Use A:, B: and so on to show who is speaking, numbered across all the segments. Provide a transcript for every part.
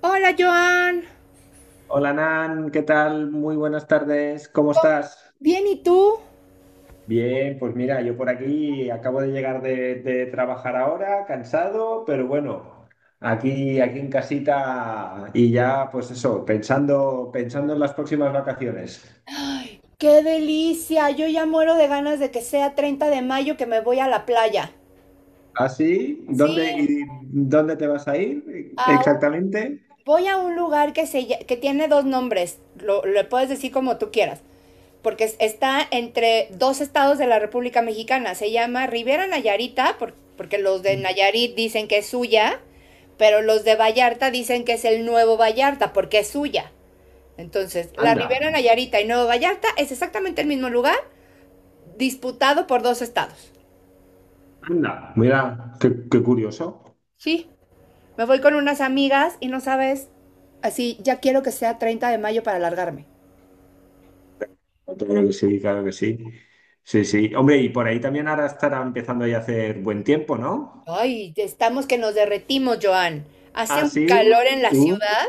A: Hola, Joan.
B: Hola Nan, ¿qué tal? Muy buenas tardes, ¿cómo estás?
A: Bien, ¿y tú?
B: Bien, pues mira, yo por aquí acabo de llegar de trabajar ahora, cansado, pero bueno, aquí en casita y ya pues eso, pensando, pensando en las próximas vacaciones.
A: Ay, qué delicia. Yo ya muero de ganas de que sea 30 de mayo que me voy a la playa.
B: ¿Ah, sí?
A: Sí,
B: ¿Y dónde te vas a ir
A: a un-
B: exactamente?
A: voy a un lugar que tiene dos nombres. Lo puedes decir como tú quieras. Porque está entre dos estados de la República Mexicana. Se llama Rivera Nayarita, porque los de Nayarit dicen que es suya, pero los de Vallarta dicen que es el nuevo Vallarta, porque es suya. Entonces, la
B: Anda,
A: Ribera Nayarita y Nuevo Vallarta es exactamente el mismo lugar, disputado por dos estados.
B: anda, mira, qué curioso.
A: Sí, me voy con unas amigas y no sabes, así ya quiero que sea 30 de mayo para largarme.
B: Claro que sí, claro que sí. Sí, sí. Hombre, y por ahí también ahora estará empezando ya a hacer buen tiempo, ¿no?
A: Ay, estamos que nos derretimos, Joan. Hace
B: Ah,
A: un
B: sí.
A: calor en la ciudad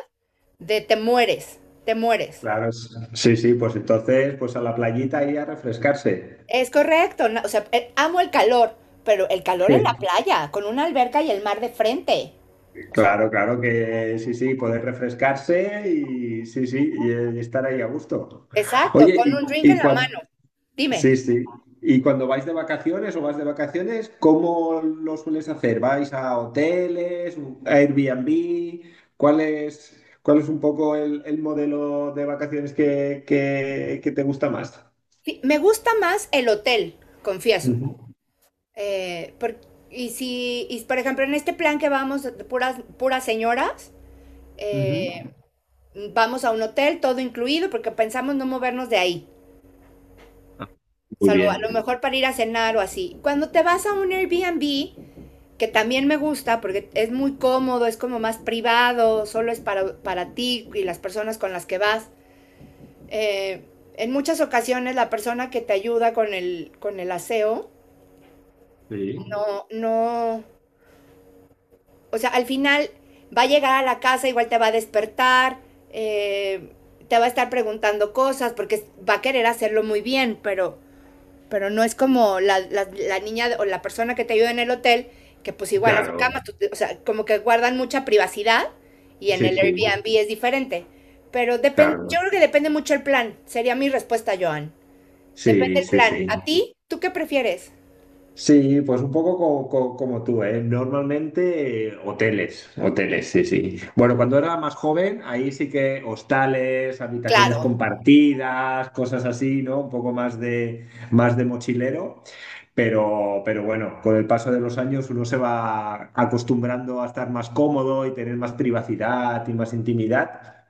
A: de te mueres, te mueres.
B: Claro, sí, sí, pues entonces, pues a la playita y a refrescarse.
A: Es correcto, no, o sea, amo el calor, pero el calor en la playa, con una alberca y el mar de frente. O sea,
B: Claro, claro que sí, sí, poder refrescarse y sí, sí, y, estar ahí a gusto.
A: exacto,
B: Oye,
A: con un drink en la mano. Dime.
B: sí, sí. ¿Y cuando vais de vacaciones o vas de vacaciones, cómo lo sueles hacer? ¿Vais a hoteles, a Airbnb? ¿Cuál es un poco el modelo de vacaciones que te gusta más?
A: Me gusta más el hotel, confieso.
B: Ujú,
A: Eh, por- y si, y por ejemplo, en este plan que vamos, de puras señoras, eh,
B: ujú.
A: vamos a un hotel, todo incluido, porque pensamos no movernos de ahí,
B: Ah, muy
A: salvo a lo
B: bien.
A: mejor para ir a cenar o así. Cuando te vas a un Airbnb, que también me gusta, porque es muy cómodo, es como más privado, solo es para ti y las personas con las que vas. eh, en muchas ocasiones la persona que te ayuda con el aseo.
B: Sí,
A: No, no. O sea, al final va a llegar a la casa, igual te va a despertar, eh, te va a estar preguntando cosas, porque va a querer hacerlo muy bien, pero no es como la niña o la persona que te ayuda en el hotel, que pues igual las
B: claro.
A: camas, o sea, como que guardan mucha privacidad y en
B: Sí,
A: el
B: sí,
A: Airbnb es diferente. Pero depende, yo
B: claro.
A: creo que depende mucho el plan, sería mi respuesta, Joan. Depende
B: Sí,
A: el
B: sí,
A: plan.
B: sí.
A: ¿A ti? ¿Tú qué prefieres?
B: Sí, pues un poco como, tú, ¿eh? Normalmente hoteles, hoteles, sí, sí. Bueno, cuando era más joven, ahí sí que hostales, habitaciones
A: Claro.
B: compartidas, cosas así, ¿no? Un poco más de, mochilero. Pero bueno, con el paso de los años uno se va acostumbrando a estar más cómodo y tener más privacidad y más intimidad.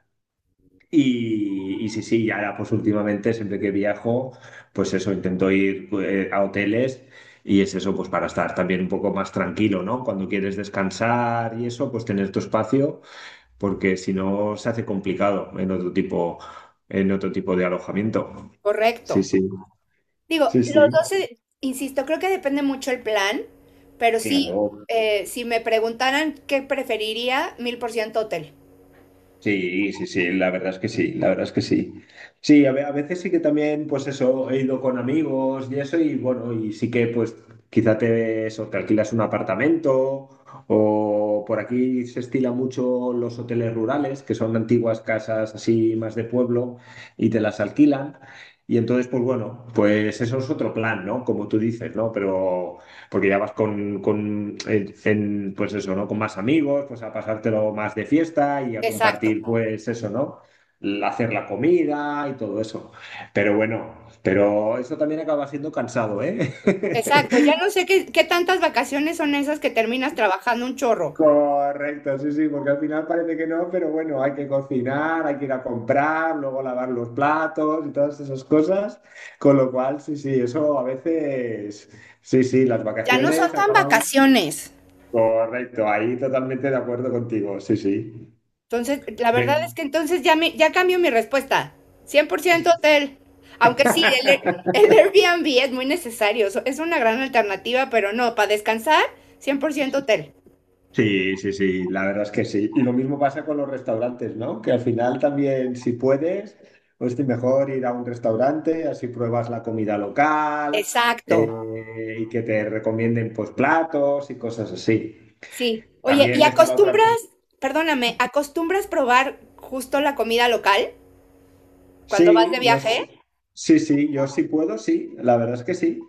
B: Y sí, sí, y ahora pues últimamente siempre que viajo, pues eso, intento ir a hoteles y es eso, pues para estar también un poco más tranquilo, ¿no? Cuando quieres descansar y eso, pues tener tu espacio, porque si no se hace complicado en otro tipo de alojamiento.
A: Correcto.
B: Sí, sí.
A: Digo,
B: Sí,
A: los
B: sí.
A: 12, insisto, creo que depende mucho el plan, pero sí,
B: Claro,
A: si me preguntaran qué preferiría, mil por ciento hotel.
B: sí, sí, sí, la verdad es que sí, la verdad es que sí. Sí, a, a veces sí que también, pues eso, he ido con amigos y eso, y bueno, y sí que pues quizá te alquilas un apartamento o por aquí se estila mucho los hoteles rurales, que son antiguas casas así más de pueblo y te las alquilan. Y entonces, pues bueno, pues eso es otro plan, ¿no? Como tú dices, ¿no? Pero porque ya vas con pues eso, ¿no? Con más amigos, pues a pasártelo más de fiesta y a
A: Exacto,
B: compartir, pues eso, ¿no? Hacer la comida y todo eso. Pero bueno, pero eso también acaba siendo cansado, ¿eh?
A: exacto. Ya no sé qué, qué tantas vacaciones son esas que terminas trabajando un chorro.
B: Correcto, sí, sí, porque al final parece que no, pero bueno, hay que cocinar, hay que ir a comprar, luego lavar los platos y todas esas cosas. Con lo cual, sí, sí, eso a veces, sí, sí, las
A: Ya no son
B: vacaciones
A: tan
B: acaban.
A: vacaciones.
B: Correcto, ahí totalmente de acuerdo contigo, sí, sí.
A: Entonces, la verdad
B: Ve.
A: es que entonces ya, ya cambio mi respuesta. 100% hotel. Aunque sí, el, Air- el Airbnb es muy necesario. Es una gran alternativa, pero no, para descansar, cien por ciento hotel.
B: Sí, sí, sí, la verdad es que sí. Y lo mismo pasa con los restaurantes, ¿no? Que al final también, si puedes, pues te mejor ir a un restaurante, así pruebas la comida local
A: Exacto.
B: y que te recomienden pues platos y cosas así.
A: Sí. Oye, ¿y
B: También está la otra.
A: acostumbras, perdóname, acostumbras probar justo la comida local cuando vas de
B: Sí, yo
A: viaje?
B: sí, sí, sí, yo sí puedo, sí, la verdad es que sí.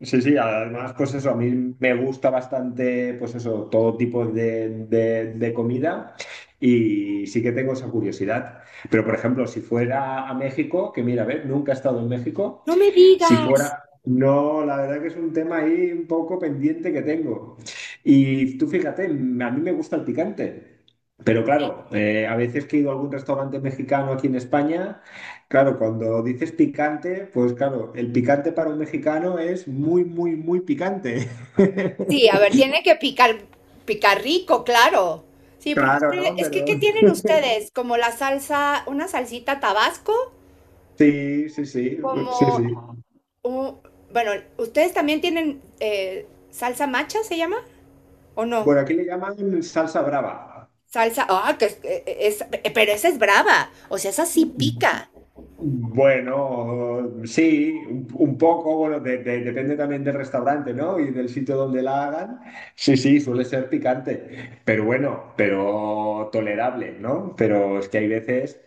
B: Sí, sí, además, pues eso, a mí me gusta bastante, pues eso, todo tipo de, de comida y sí que tengo esa curiosidad. Pero, por ejemplo, si fuera a México, que mira, a ver, nunca he estado en México,
A: No me
B: si
A: digas.
B: fuera, no, la verdad que es un tema ahí un poco pendiente que tengo. Y tú fíjate, a mí me gusta el picante. Pero claro, a veces que he ido a algún restaurante mexicano aquí en España, claro, cuando dices picante, pues claro, el picante para un mexicano es muy, muy, muy picante.
A: Sí, a ver, tiene que picar, picar rico, claro. Sí, porque
B: Claro, ¿no?
A: es que,
B: Pero
A: ¿qué tienen ustedes? Como la salsa, una salsita Tabasco,
B: sí, sí, sí, sí,
A: como,
B: sí.
A: un- bueno, ¿ustedes también tienen salsa macha, se llama? ¿O no?
B: Bueno, aquí le llaman salsa brava.
A: Salsa, ah, que es, pero esa es brava, o sea, esa sí pica.
B: Bueno, sí, un poco, bueno, depende también del restaurante, ¿no? Y del sitio donde la hagan. Sí, sí, suele ser picante, pero bueno, pero tolerable, ¿no? Pero es que hay veces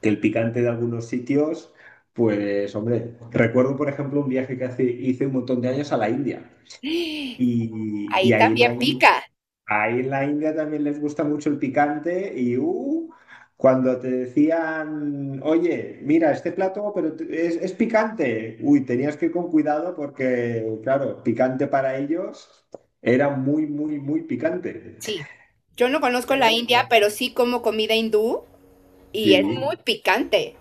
B: que el picante de algunos sitios, pues, hombre, recuerdo, por ejemplo, un viaje que hice un montón de años a la India y,
A: Ahí
B: y ahí en
A: también
B: la India.
A: pica.
B: Ahí en la India también les gusta mucho el picante y cuando te decían, oye, mira, este plato, pero es picante. Uy, tenías que ir con cuidado porque, claro, picante para ellos era muy, muy, muy picante.
A: Sí, yo no conozco
B: Pero
A: la India,
B: bueno,
A: pero sí como comida hindú y es muy
B: sí.
A: picante.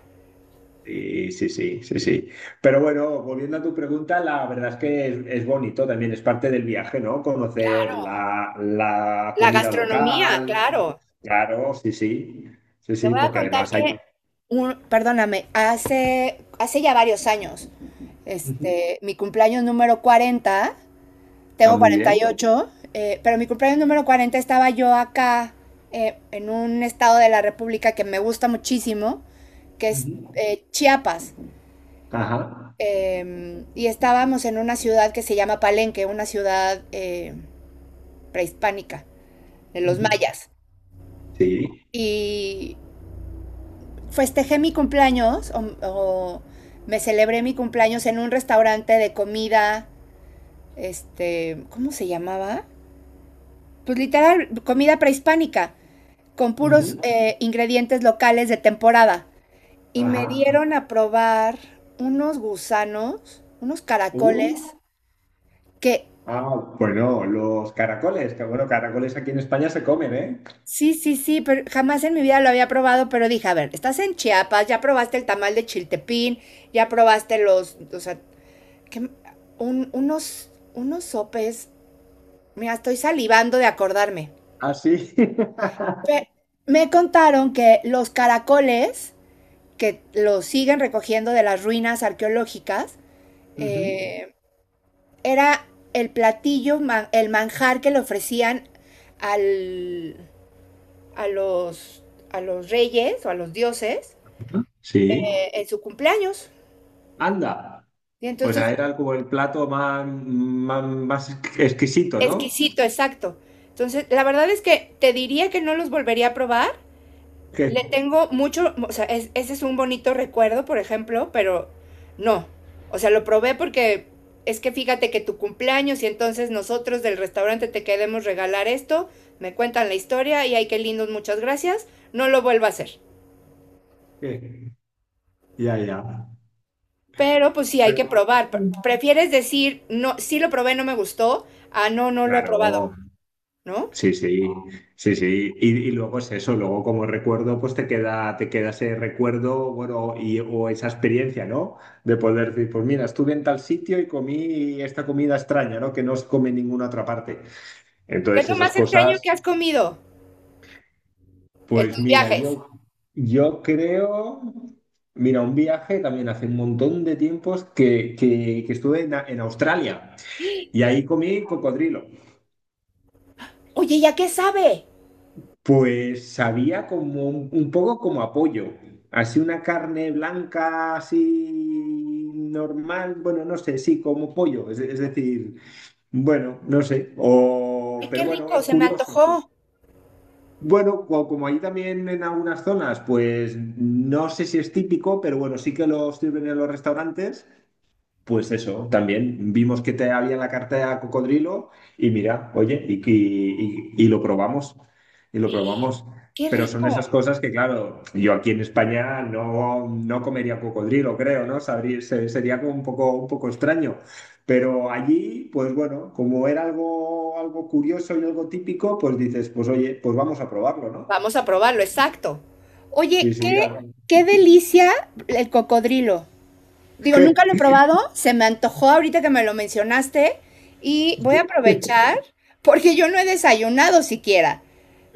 B: Sí, sí, sí, sí, sí. Pero bueno, volviendo a tu pregunta, la verdad es que es, bonito también, es parte del viaje, ¿no? Conocer
A: Claro.
B: la
A: La
B: comida
A: gastronomía,
B: local.
A: claro.
B: Claro, sí, sí. Sí,
A: Te
B: sí,
A: voy a
B: porque
A: contar
B: además hay...
A: que, perdóname, hace ya varios años,
B: Ujú.
A: este, mi cumpleaños número 40,
B: Ah,
A: tengo
B: muy bien.
A: 48, pero mi cumpleaños número 40 estaba yo acá en un estado de la República que me gusta muchísimo, que es
B: Ujú.
A: Chiapas.
B: Ajá.
A: Y estábamos en una ciudad que se llama Palenque, una ciudad prehispánica, de los
B: Ujú.
A: mayas.
B: Sí.
A: Y festejé mi cumpleaños, o me celebré mi cumpleaños en un restaurante de comida, este, ¿cómo se llamaba? Pues literal, comida prehispánica, con puros
B: Ujú.
A: ingredientes locales de temporada. Y me
B: Ajá.
A: dieron a probar unos gusanos, unos
B: Uh.
A: caracoles, que
B: Ah, bueno, los caracoles, que bueno, caracoles aquí en España se comen, ¿eh?
A: sí, sí, sí, pero jamás en mi vida lo había probado, pero dije, a ver, estás en Chiapas, ya probaste el tamal de chiltepín, ya probaste los, o sea, ¿qué? Unos, unos sopes, mira, estoy salivando de acordarme.
B: Ah, sí.
A: Pe- me contaron que los caracoles, que los siguen recogiendo de las ruinas arqueológicas,
B: Ujú.
A: eh, era el platillo, el manjar que le ofrecían al, a los, a los reyes o a los dioses
B: Sí.
A: en su cumpleaños.
B: Anda.
A: Y
B: O
A: entonces,
B: sea, era como el plato más, más, más exquisito, ¿no?
A: exquisito, exacto. Entonces, la verdad es que te diría que no los volvería a probar.
B: Que,
A: Le tengo mucho, o sea, ese es un bonito recuerdo, por ejemplo, pero no. O sea, lo probé porque es que fíjate que tu cumpleaños y entonces nosotros del restaurante te queremos regalar esto, me cuentan la historia y ay, qué lindos, muchas gracias, no lo vuelvo a hacer.
B: que- Ya, ya.
A: Pero pues sí, hay
B: Pero-
A: que probar. Prefieres decir, no, sí lo probé, no me gustó, ah, no, no lo he probado,
B: Claro,
A: ¿no?
B: sí, sí, sí, sí. Y luego es eso, luego como recuerdo, pues te queda, ese recuerdo, bueno, o esa experiencia, ¿no? De poder decir, pues mira, estuve en tal sitio y comí esta comida extraña, ¿no? Que no se come en ninguna otra parte.
A: ¿Qué es
B: Entonces
A: lo
B: esas
A: más extraño que
B: cosas.
A: has comido en
B: Pues
A: tus
B: mira,
A: viajes?
B: yo creo, mira, un viaje también hace un montón de tiempos que estuve en, en Australia y
A: ¡Ah!
B: ahí comí cocodrilo.
A: Oye, ¿ya qué sabe?
B: Pues sabía como un poco como apoyo, así una carne blanca, así normal, bueno, no sé, sí, como pollo, es decir, bueno, no sé,
A: Ay, qué
B: pero bueno,
A: rico, se me
B: curioso.
A: antojó.
B: Bueno, como ahí también en algunas zonas, pues no sé si es típico, pero bueno, sí que lo sirven en los restaurantes. Pues eso, también vimos que te había en la carta de cocodrilo y mira, oye, y lo probamos, y lo probamos.
A: Qué
B: Pero son
A: rico.
B: esas cosas que, claro, yo aquí en España no, no comería cocodrilo, creo, ¿no? Sabría, sería como un poco extraño. Pero allí, pues bueno, como era algo, algo curioso y algo típico, pues dices, pues oye, pues vamos a probarlo, ¿no?
A: Vamos a probarlo, exacto.
B: Sí,
A: Oye, qué,
B: sí.
A: qué delicia el cocodrilo. Digo, nunca lo he probado, se me antojó ahorita que me lo mencionaste y voy a aprovechar porque yo no he desayunado siquiera.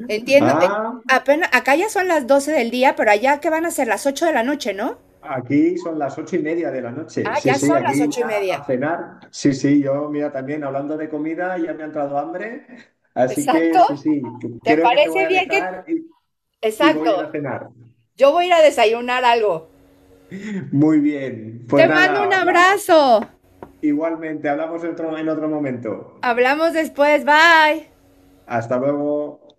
A: Entiendo,
B: Ah,
A: apenas, acá ya son las 12 del día, pero allá que van a ser las 8 de la noche, ¿no?
B: aquí son las 8:30 de la noche.
A: Ah,
B: Sí,
A: ya
B: sí,
A: son las
B: aquí
A: ocho y
B: ya a
A: media.
B: cenar. Sí, sí, yo, mira, también hablando de comida, ya me ha entrado hambre. Así que
A: Exacto.
B: sí, sí,
A: ¿Te
B: creo que te voy
A: parece
B: a
A: bien
B: dejar
A: que...
B: y
A: Exacto.
B: voy a ir a cenar.
A: Yo voy a ir a desayunar algo.
B: Muy bien, pues
A: Te mando
B: nada,
A: un
B: habla,
A: abrazo.
B: igualmente, hablamos en otro momento.
A: Hablamos después. Bye.
B: Hasta luego.